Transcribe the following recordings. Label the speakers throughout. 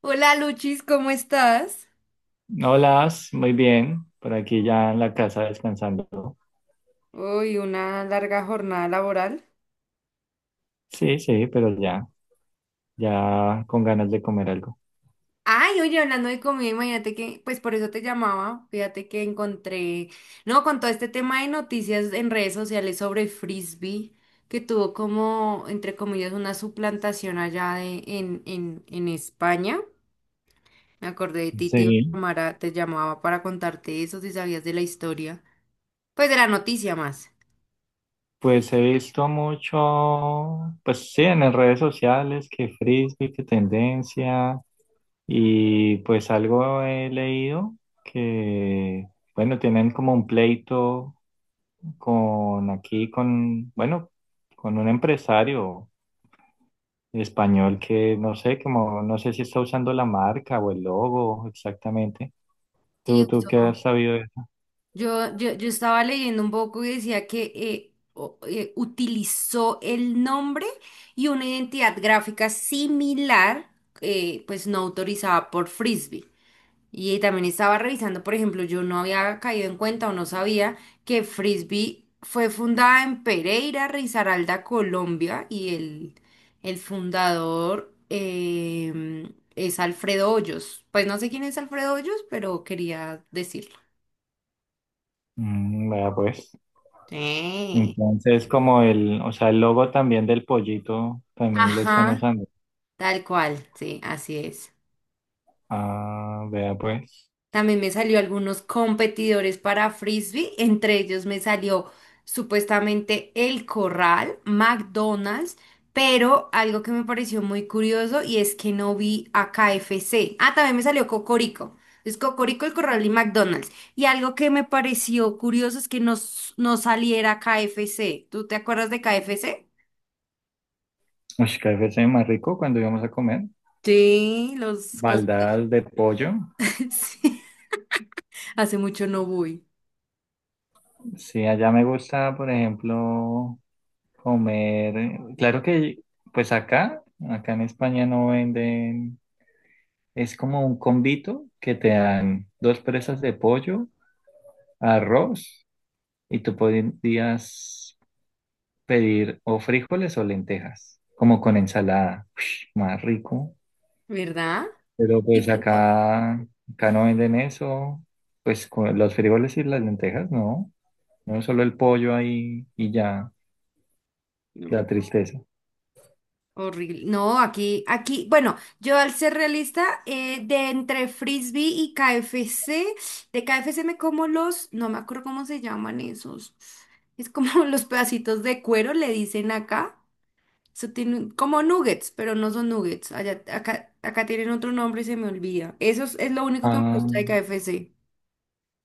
Speaker 1: Hola Luchis, ¿cómo estás?
Speaker 2: Hola, muy bien. Por aquí ya en la casa descansando.
Speaker 1: Uy, una larga jornada laboral.
Speaker 2: Sí, sí, pero ya, ya con ganas de comer algo.
Speaker 1: Ay, oye, hablando de comida, imagínate que, pues por eso te llamaba, fíjate que encontré, no, con todo este tema de noticias en redes sociales sobre Frisbee, que tuvo como, entre comillas, una suplantación allá en España. Me acordé de ti, te iba a
Speaker 2: Sí,
Speaker 1: llamar te llamaba para contarte eso, si sabías de la historia. Pues de la noticia más.
Speaker 2: pues he visto mucho, pues sí, en las redes sociales, que frisbee, que tendencia, y pues algo he leído que, bueno, tienen como un pleito con aquí, con, bueno, con un empresario español que no sé, como no sé si está usando la marca o el logo exactamente.
Speaker 1: Sí,
Speaker 2: ¿Tú qué
Speaker 1: eso.
Speaker 2: has sabido de eso?
Speaker 1: Yo estaba leyendo un poco y decía que utilizó el nombre y una identidad gráfica similar, pues no autorizada por Frisbee. Y también estaba revisando, por ejemplo, yo no había caído en cuenta o no sabía que Frisbee fue fundada en Pereira, Risaralda, Colombia, y el fundador es Alfredo Hoyos. Pues no sé quién es Alfredo Hoyos, pero quería decirlo.
Speaker 2: Mm, vea pues.
Speaker 1: Sí.
Speaker 2: Entonces, como el, o sea, el logo también del pollito también lo están
Speaker 1: Ajá,
Speaker 2: usando.
Speaker 1: tal cual, sí, así es.
Speaker 2: Ah, vea pues.
Speaker 1: También me salió algunos competidores para frisbee, entre ellos me salió supuestamente El Corral, McDonald's, pero algo que me pareció muy curioso y es que no vi a KFC. Ah, también me salió Cocorico. Es Cocorico, El Corral y McDonald's. Y algo que me pareció curioso es que no saliera KFC. ¿Tú te acuerdas de KFC?
Speaker 2: Ush, KFC más rico cuando íbamos a comer.
Speaker 1: Sí, los cositos.
Speaker 2: Baldadas de pollo.
Speaker 1: Sí, hace mucho no voy.
Speaker 2: Sí, allá me gusta, por ejemplo, comer. Claro que, pues acá, acá en España no venden. Es como un convito que te dan dos presas de pollo, arroz, y tú podías pedir o frijoles o lentejas, como con ensalada. Ush, más rico.
Speaker 1: ¿Verdad?
Speaker 2: Pero
Speaker 1: Y
Speaker 2: pues
Speaker 1: fue- o-
Speaker 2: acá, acá no venden eso, pues con los frijoles y las lentejas, no. No solo el pollo ahí y ya,
Speaker 1: No.
Speaker 2: la tristeza.
Speaker 1: Horrible. No, aquí, bueno, yo al ser realista, de entre frisbee y KFC, de KFC me como los, no me acuerdo cómo se llaman esos. Es como los pedacitos de cuero, le dicen acá. Eso tiene como nuggets, pero no son nuggets. Allá, acá tienen otro nombre y se me olvida. Eso es lo único que me
Speaker 2: Ah,
Speaker 1: gusta de KFC.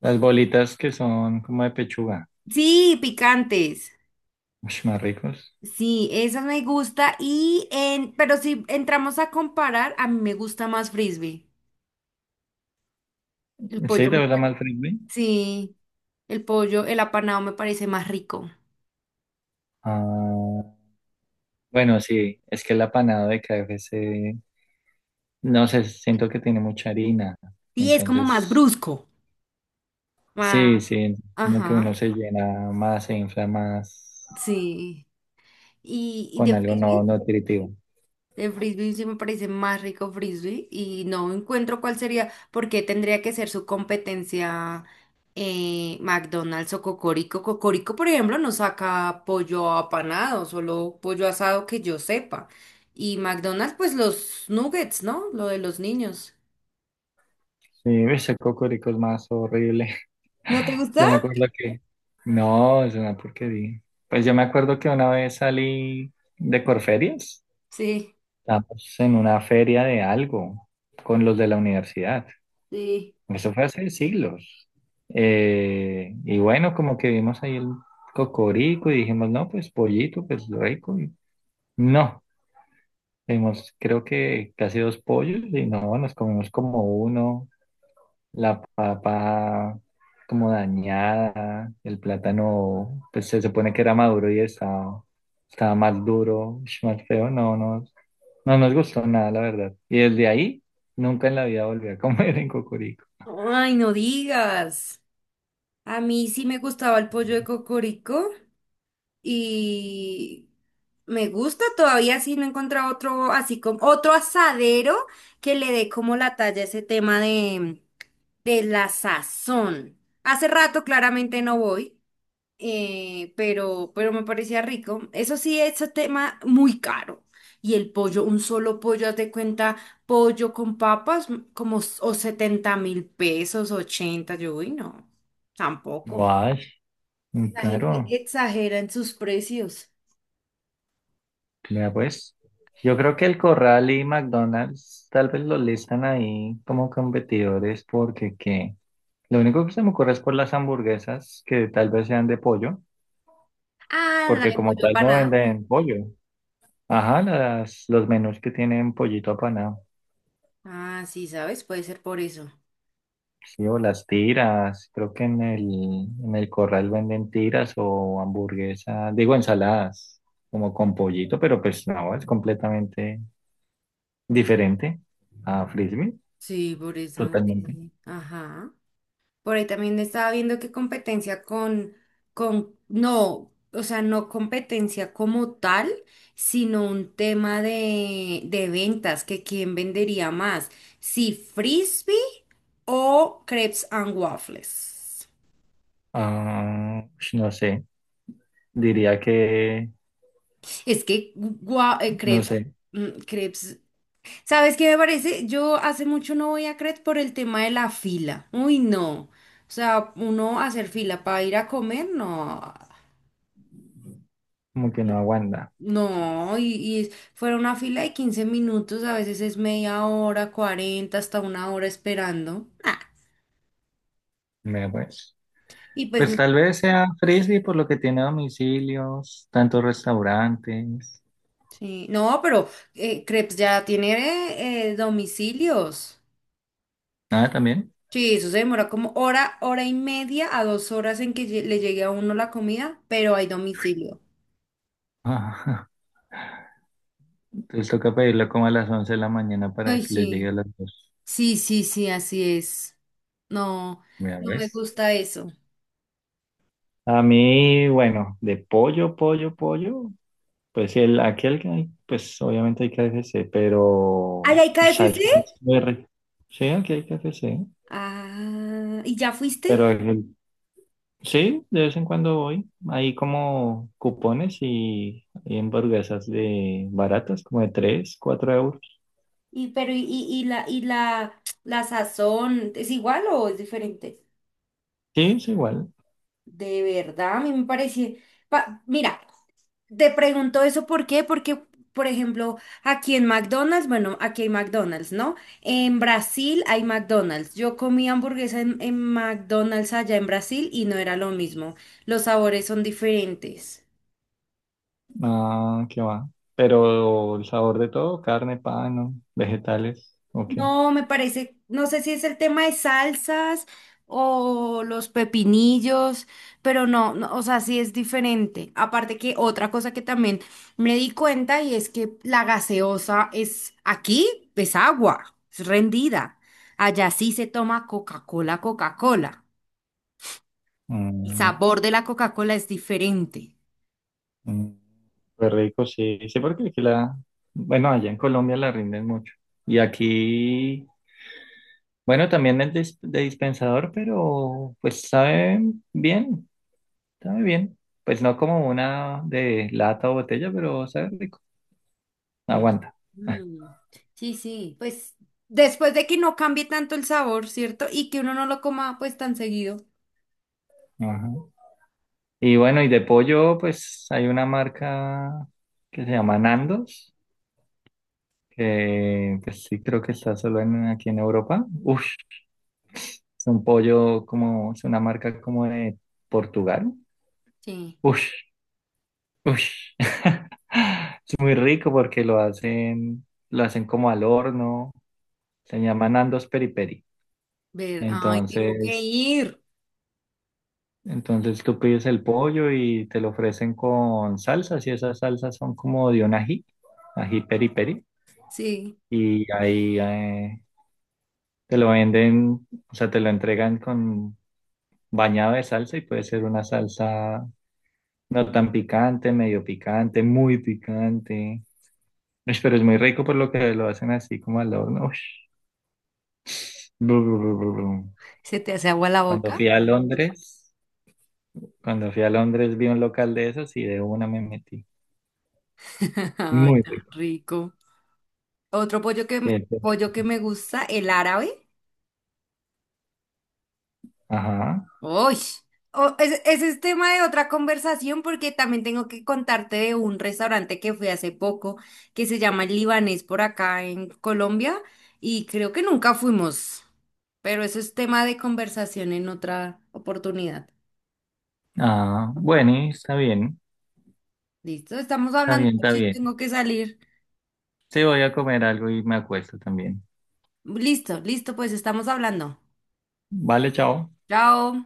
Speaker 2: las bolitas que son como de pechuga.
Speaker 1: Sí, picantes.
Speaker 2: Ush, más ricos.
Speaker 1: Sí, esa me gusta pero si entramos a comparar, a mí me gusta más frisbee. El
Speaker 2: ¿Sí
Speaker 1: pollo
Speaker 2: te
Speaker 1: me
Speaker 2: gusta
Speaker 1: pa-
Speaker 2: más el frisbee?
Speaker 1: Sí, el apanado me parece más rico.
Speaker 2: Ah, bueno, sí, es que el apanado de KFC, no sé, siento que tiene mucha harina.
Speaker 1: Sí, es como más
Speaker 2: Entonces,
Speaker 1: brusco. Ah,
Speaker 2: sí, sí, como que uno
Speaker 1: ajá,
Speaker 2: se llena más, se infla más
Speaker 1: sí. ¿Y
Speaker 2: con
Speaker 1: de
Speaker 2: algo no
Speaker 1: frisbee?
Speaker 2: no nutritivo.
Speaker 1: De frisbee sí me parece más rico frisbee y no encuentro cuál sería, porque tendría que ser su competencia McDonald's o Cocorico. Cocorico, por ejemplo, no saca pollo apanado, solo pollo asado que yo sepa. Y McDonald's, pues los nuggets, ¿no? Lo de los niños.
Speaker 2: Sí, ese cocorico es más horrible.
Speaker 1: ¿No te gusta?
Speaker 2: Yo me acuerdo que, no, es una porquería. Pues yo me acuerdo que una vez salí de Corferias,
Speaker 1: Sí.
Speaker 2: estábamos en una feria de algo con los de la universidad.
Speaker 1: Sí.
Speaker 2: Pues, eso fue hace siglos. Y bueno, como que vimos ahí el cocorico y dijimos, no, pues pollito, pues rico. Y no, vimos creo que casi dos pollos y no, nos comimos como uno, la papa como dañada, el plátano, pues se supone que era maduro y estaba, estaba más duro, ush, más feo, no, no, no nos gustó nada, la verdad. Y desde ahí, nunca en la vida volví a comer en cocorico.
Speaker 1: Ay, no digas. A mí sí me gustaba el pollo de Cocorico. Y me gusta todavía si no encuentra otro, así como otro asadero que le dé como la talla a ese tema de la sazón. Hace rato claramente no voy, pero me parecía rico. Eso sí, ese tema muy caro. Y el pollo, un solo pollo, haz de cuenta, pollo con papas, o 70.000 pesos, 80 yo, uy, no, tampoco.
Speaker 2: Guay, muy
Speaker 1: La gente
Speaker 2: caro.
Speaker 1: exagera en sus precios.
Speaker 2: Mira, pues, yo creo que el Corral y McDonald's tal vez lo listan ahí como competidores porque que lo único que se me ocurre es por las hamburguesas que tal vez sean de pollo,
Speaker 1: Ah, la
Speaker 2: porque
Speaker 1: de
Speaker 2: como
Speaker 1: pollo
Speaker 2: tal no
Speaker 1: apanado.
Speaker 2: venden pollo. Ajá, las, los menús que tienen pollito apanado.
Speaker 1: Ah, sí, ¿sabes? Puede ser por eso.
Speaker 2: Sí, o las tiras, creo que en el Corral venden tiras o hamburguesas, digo ensaladas, como con pollito, pero pues no, es completamente diferente a Frisbee,
Speaker 1: Sí, por eso. Sí,
Speaker 2: totalmente.
Speaker 1: sí. Ajá. Por ahí también estaba viendo que competencia con, no, o sea, no competencia como tal, sino un tema de ventas, que quién vendería más, si frisbee o crepes and waffles.
Speaker 2: Ah, ush, no sé, diría que,
Speaker 1: Es que
Speaker 2: no
Speaker 1: crepes,
Speaker 2: sé,
Speaker 1: mm, crepes ¿Sabes qué me parece? Yo hace mucho no voy a Cret por el tema de la fila. Uy, no. O sea, uno hacer fila para ir a comer, no.
Speaker 2: como que no aguanta.
Speaker 1: No, y fuera una fila de 15 minutos, a veces es media hora, 40 hasta una hora esperando. Ah,
Speaker 2: Me pues.
Speaker 1: y pues,
Speaker 2: Pues tal vez sea frisbee por lo que tiene domicilios, tantos restaurantes.
Speaker 1: sí, no, pero Crepes ya tiene domicilios.
Speaker 2: Nada, también.
Speaker 1: Sí, eso se demora como hora, hora y media a 2 horas en que le llegue a uno la comida, pero hay domicilio.
Speaker 2: Ah, entonces toca pedirlo como a las 11 de la mañana para
Speaker 1: Ay,
Speaker 2: que le llegue
Speaker 1: sí.
Speaker 2: a las dos.
Speaker 1: Sí, sí, sí, así es. No,
Speaker 2: Mira,
Speaker 1: no me
Speaker 2: ¿ves?
Speaker 1: gusta eso.
Speaker 2: A mí, bueno, de pollo, pollo, pollo, pues el, aquel que hay, pues obviamente hay KFC, pero,
Speaker 1: ¿Allá hay
Speaker 2: uy,
Speaker 1: KFC?
Speaker 2: salsa, es muy rica. Sí, aquí hay KFC.
Speaker 1: Ah, ¿y ya fuiste?
Speaker 2: Pero el sí, de vez en cuando voy. Hay como cupones y hamburguesas de baratas, como de 3, 4 euros.
Speaker 1: Y pero y la la sazón es igual o es diferente?
Speaker 2: Sí, es igual.
Speaker 1: De verdad, a mí me parece. Mira, te pregunto eso ¿por qué? Porque, por ejemplo, aquí en McDonald's, bueno, aquí hay McDonald's, ¿no? En Brasil hay McDonald's. Yo comí hamburguesa en McDonald's allá en Brasil y no era lo mismo. Los sabores son diferentes.
Speaker 2: Ah, qué va. Pero el sabor de todo, carne, pan, ¿no? Vegetales, ok.
Speaker 1: No, me parece, no sé si es el tema de salsas o los pepinillos, pero no, o sea, sí es diferente. Aparte que otra cosa que también me di cuenta y es que la gaseosa es aquí, es agua, es rendida. Allá sí se toma Coca-Cola, Coca-Cola. El
Speaker 2: Mm,
Speaker 1: sabor de la Coca-Cola es diferente.
Speaker 2: mm, fue rico, sí. Sí, porque aquí la, bueno, allá en Colombia la rinden mucho. Y aquí, bueno, también es dis- de dispensador, pero pues sabe bien. Está muy bien. Pues no como una de lata o botella, pero sabe rico.
Speaker 1: Mm,
Speaker 2: Aguanta.
Speaker 1: mm. Sí, sí. Pues después de que no cambie tanto el sabor, ¿cierto? Y que uno no lo coma pues tan seguido.
Speaker 2: Ajá. Y bueno, y de pollo, pues hay una marca que se llama Nandos, que pues sí creo que está solo en, aquí en Europa. Uf, es un pollo como, es una marca como de Portugal.
Speaker 1: Sí.
Speaker 2: Uf, uf. Es muy rico porque lo hacen como al horno. Se llama Nandos Peri Peri.
Speaker 1: Ay, tengo que
Speaker 2: Entonces,
Speaker 1: ir.
Speaker 2: entonces tú pides el pollo y te lo ofrecen con salsas y esas salsas son como de un ají, ají peri peri.
Speaker 1: Sí,
Speaker 2: Y ahí te lo venden, o sea, te lo entregan con bañado de salsa y puede ser una salsa no tan picante, medio picante, muy picante. Ush, pero es muy rico por lo que lo hacen así como al horno. Ush. Bru, bru, bru, bru, bru.
Speaker 1: se te hace agua la
Speaker 2: Cuando fui
Speaker 1: boca.
Speaker 2: a Londres, cuando fui a Londres vi un local de esos y de una me metí.
Speaker 1: Ay,
Speaker 2: Muy
Speaker 1: tan
Speaker 2: rico.
Speaker 1: rico. Otro pollo
Speaker 2: Sí, entonces,
Speaker 1: que me gusta, el árabe.
Speaker 2: ajá.
Speaker 1: Uy, oh, ese es tema de otra conversación porque también tengo que contarte de un restaurante que fui hace poco que se llama El Libanés por acá en Colombia y creo que nunca fuimos, pero eso es tema de conversación en otra oportunidad.
Speaker 2: Ah, bueno, está bien,
Speaker 1: Listo, estamos
Speaker 2: está
Speaker 1: hablando,
Speaker 2: bien, está
Speaker 1: mucho y
Speaker 2: bien.
Speaker 1: tengo que salir.
Speaker 2: Sí, voy a comer algo y me acuesto también.
Speaker 1: Listo, listo, pues estamos hablando.
Speaker 2: Vale, chao.
Speaker 1: Chao.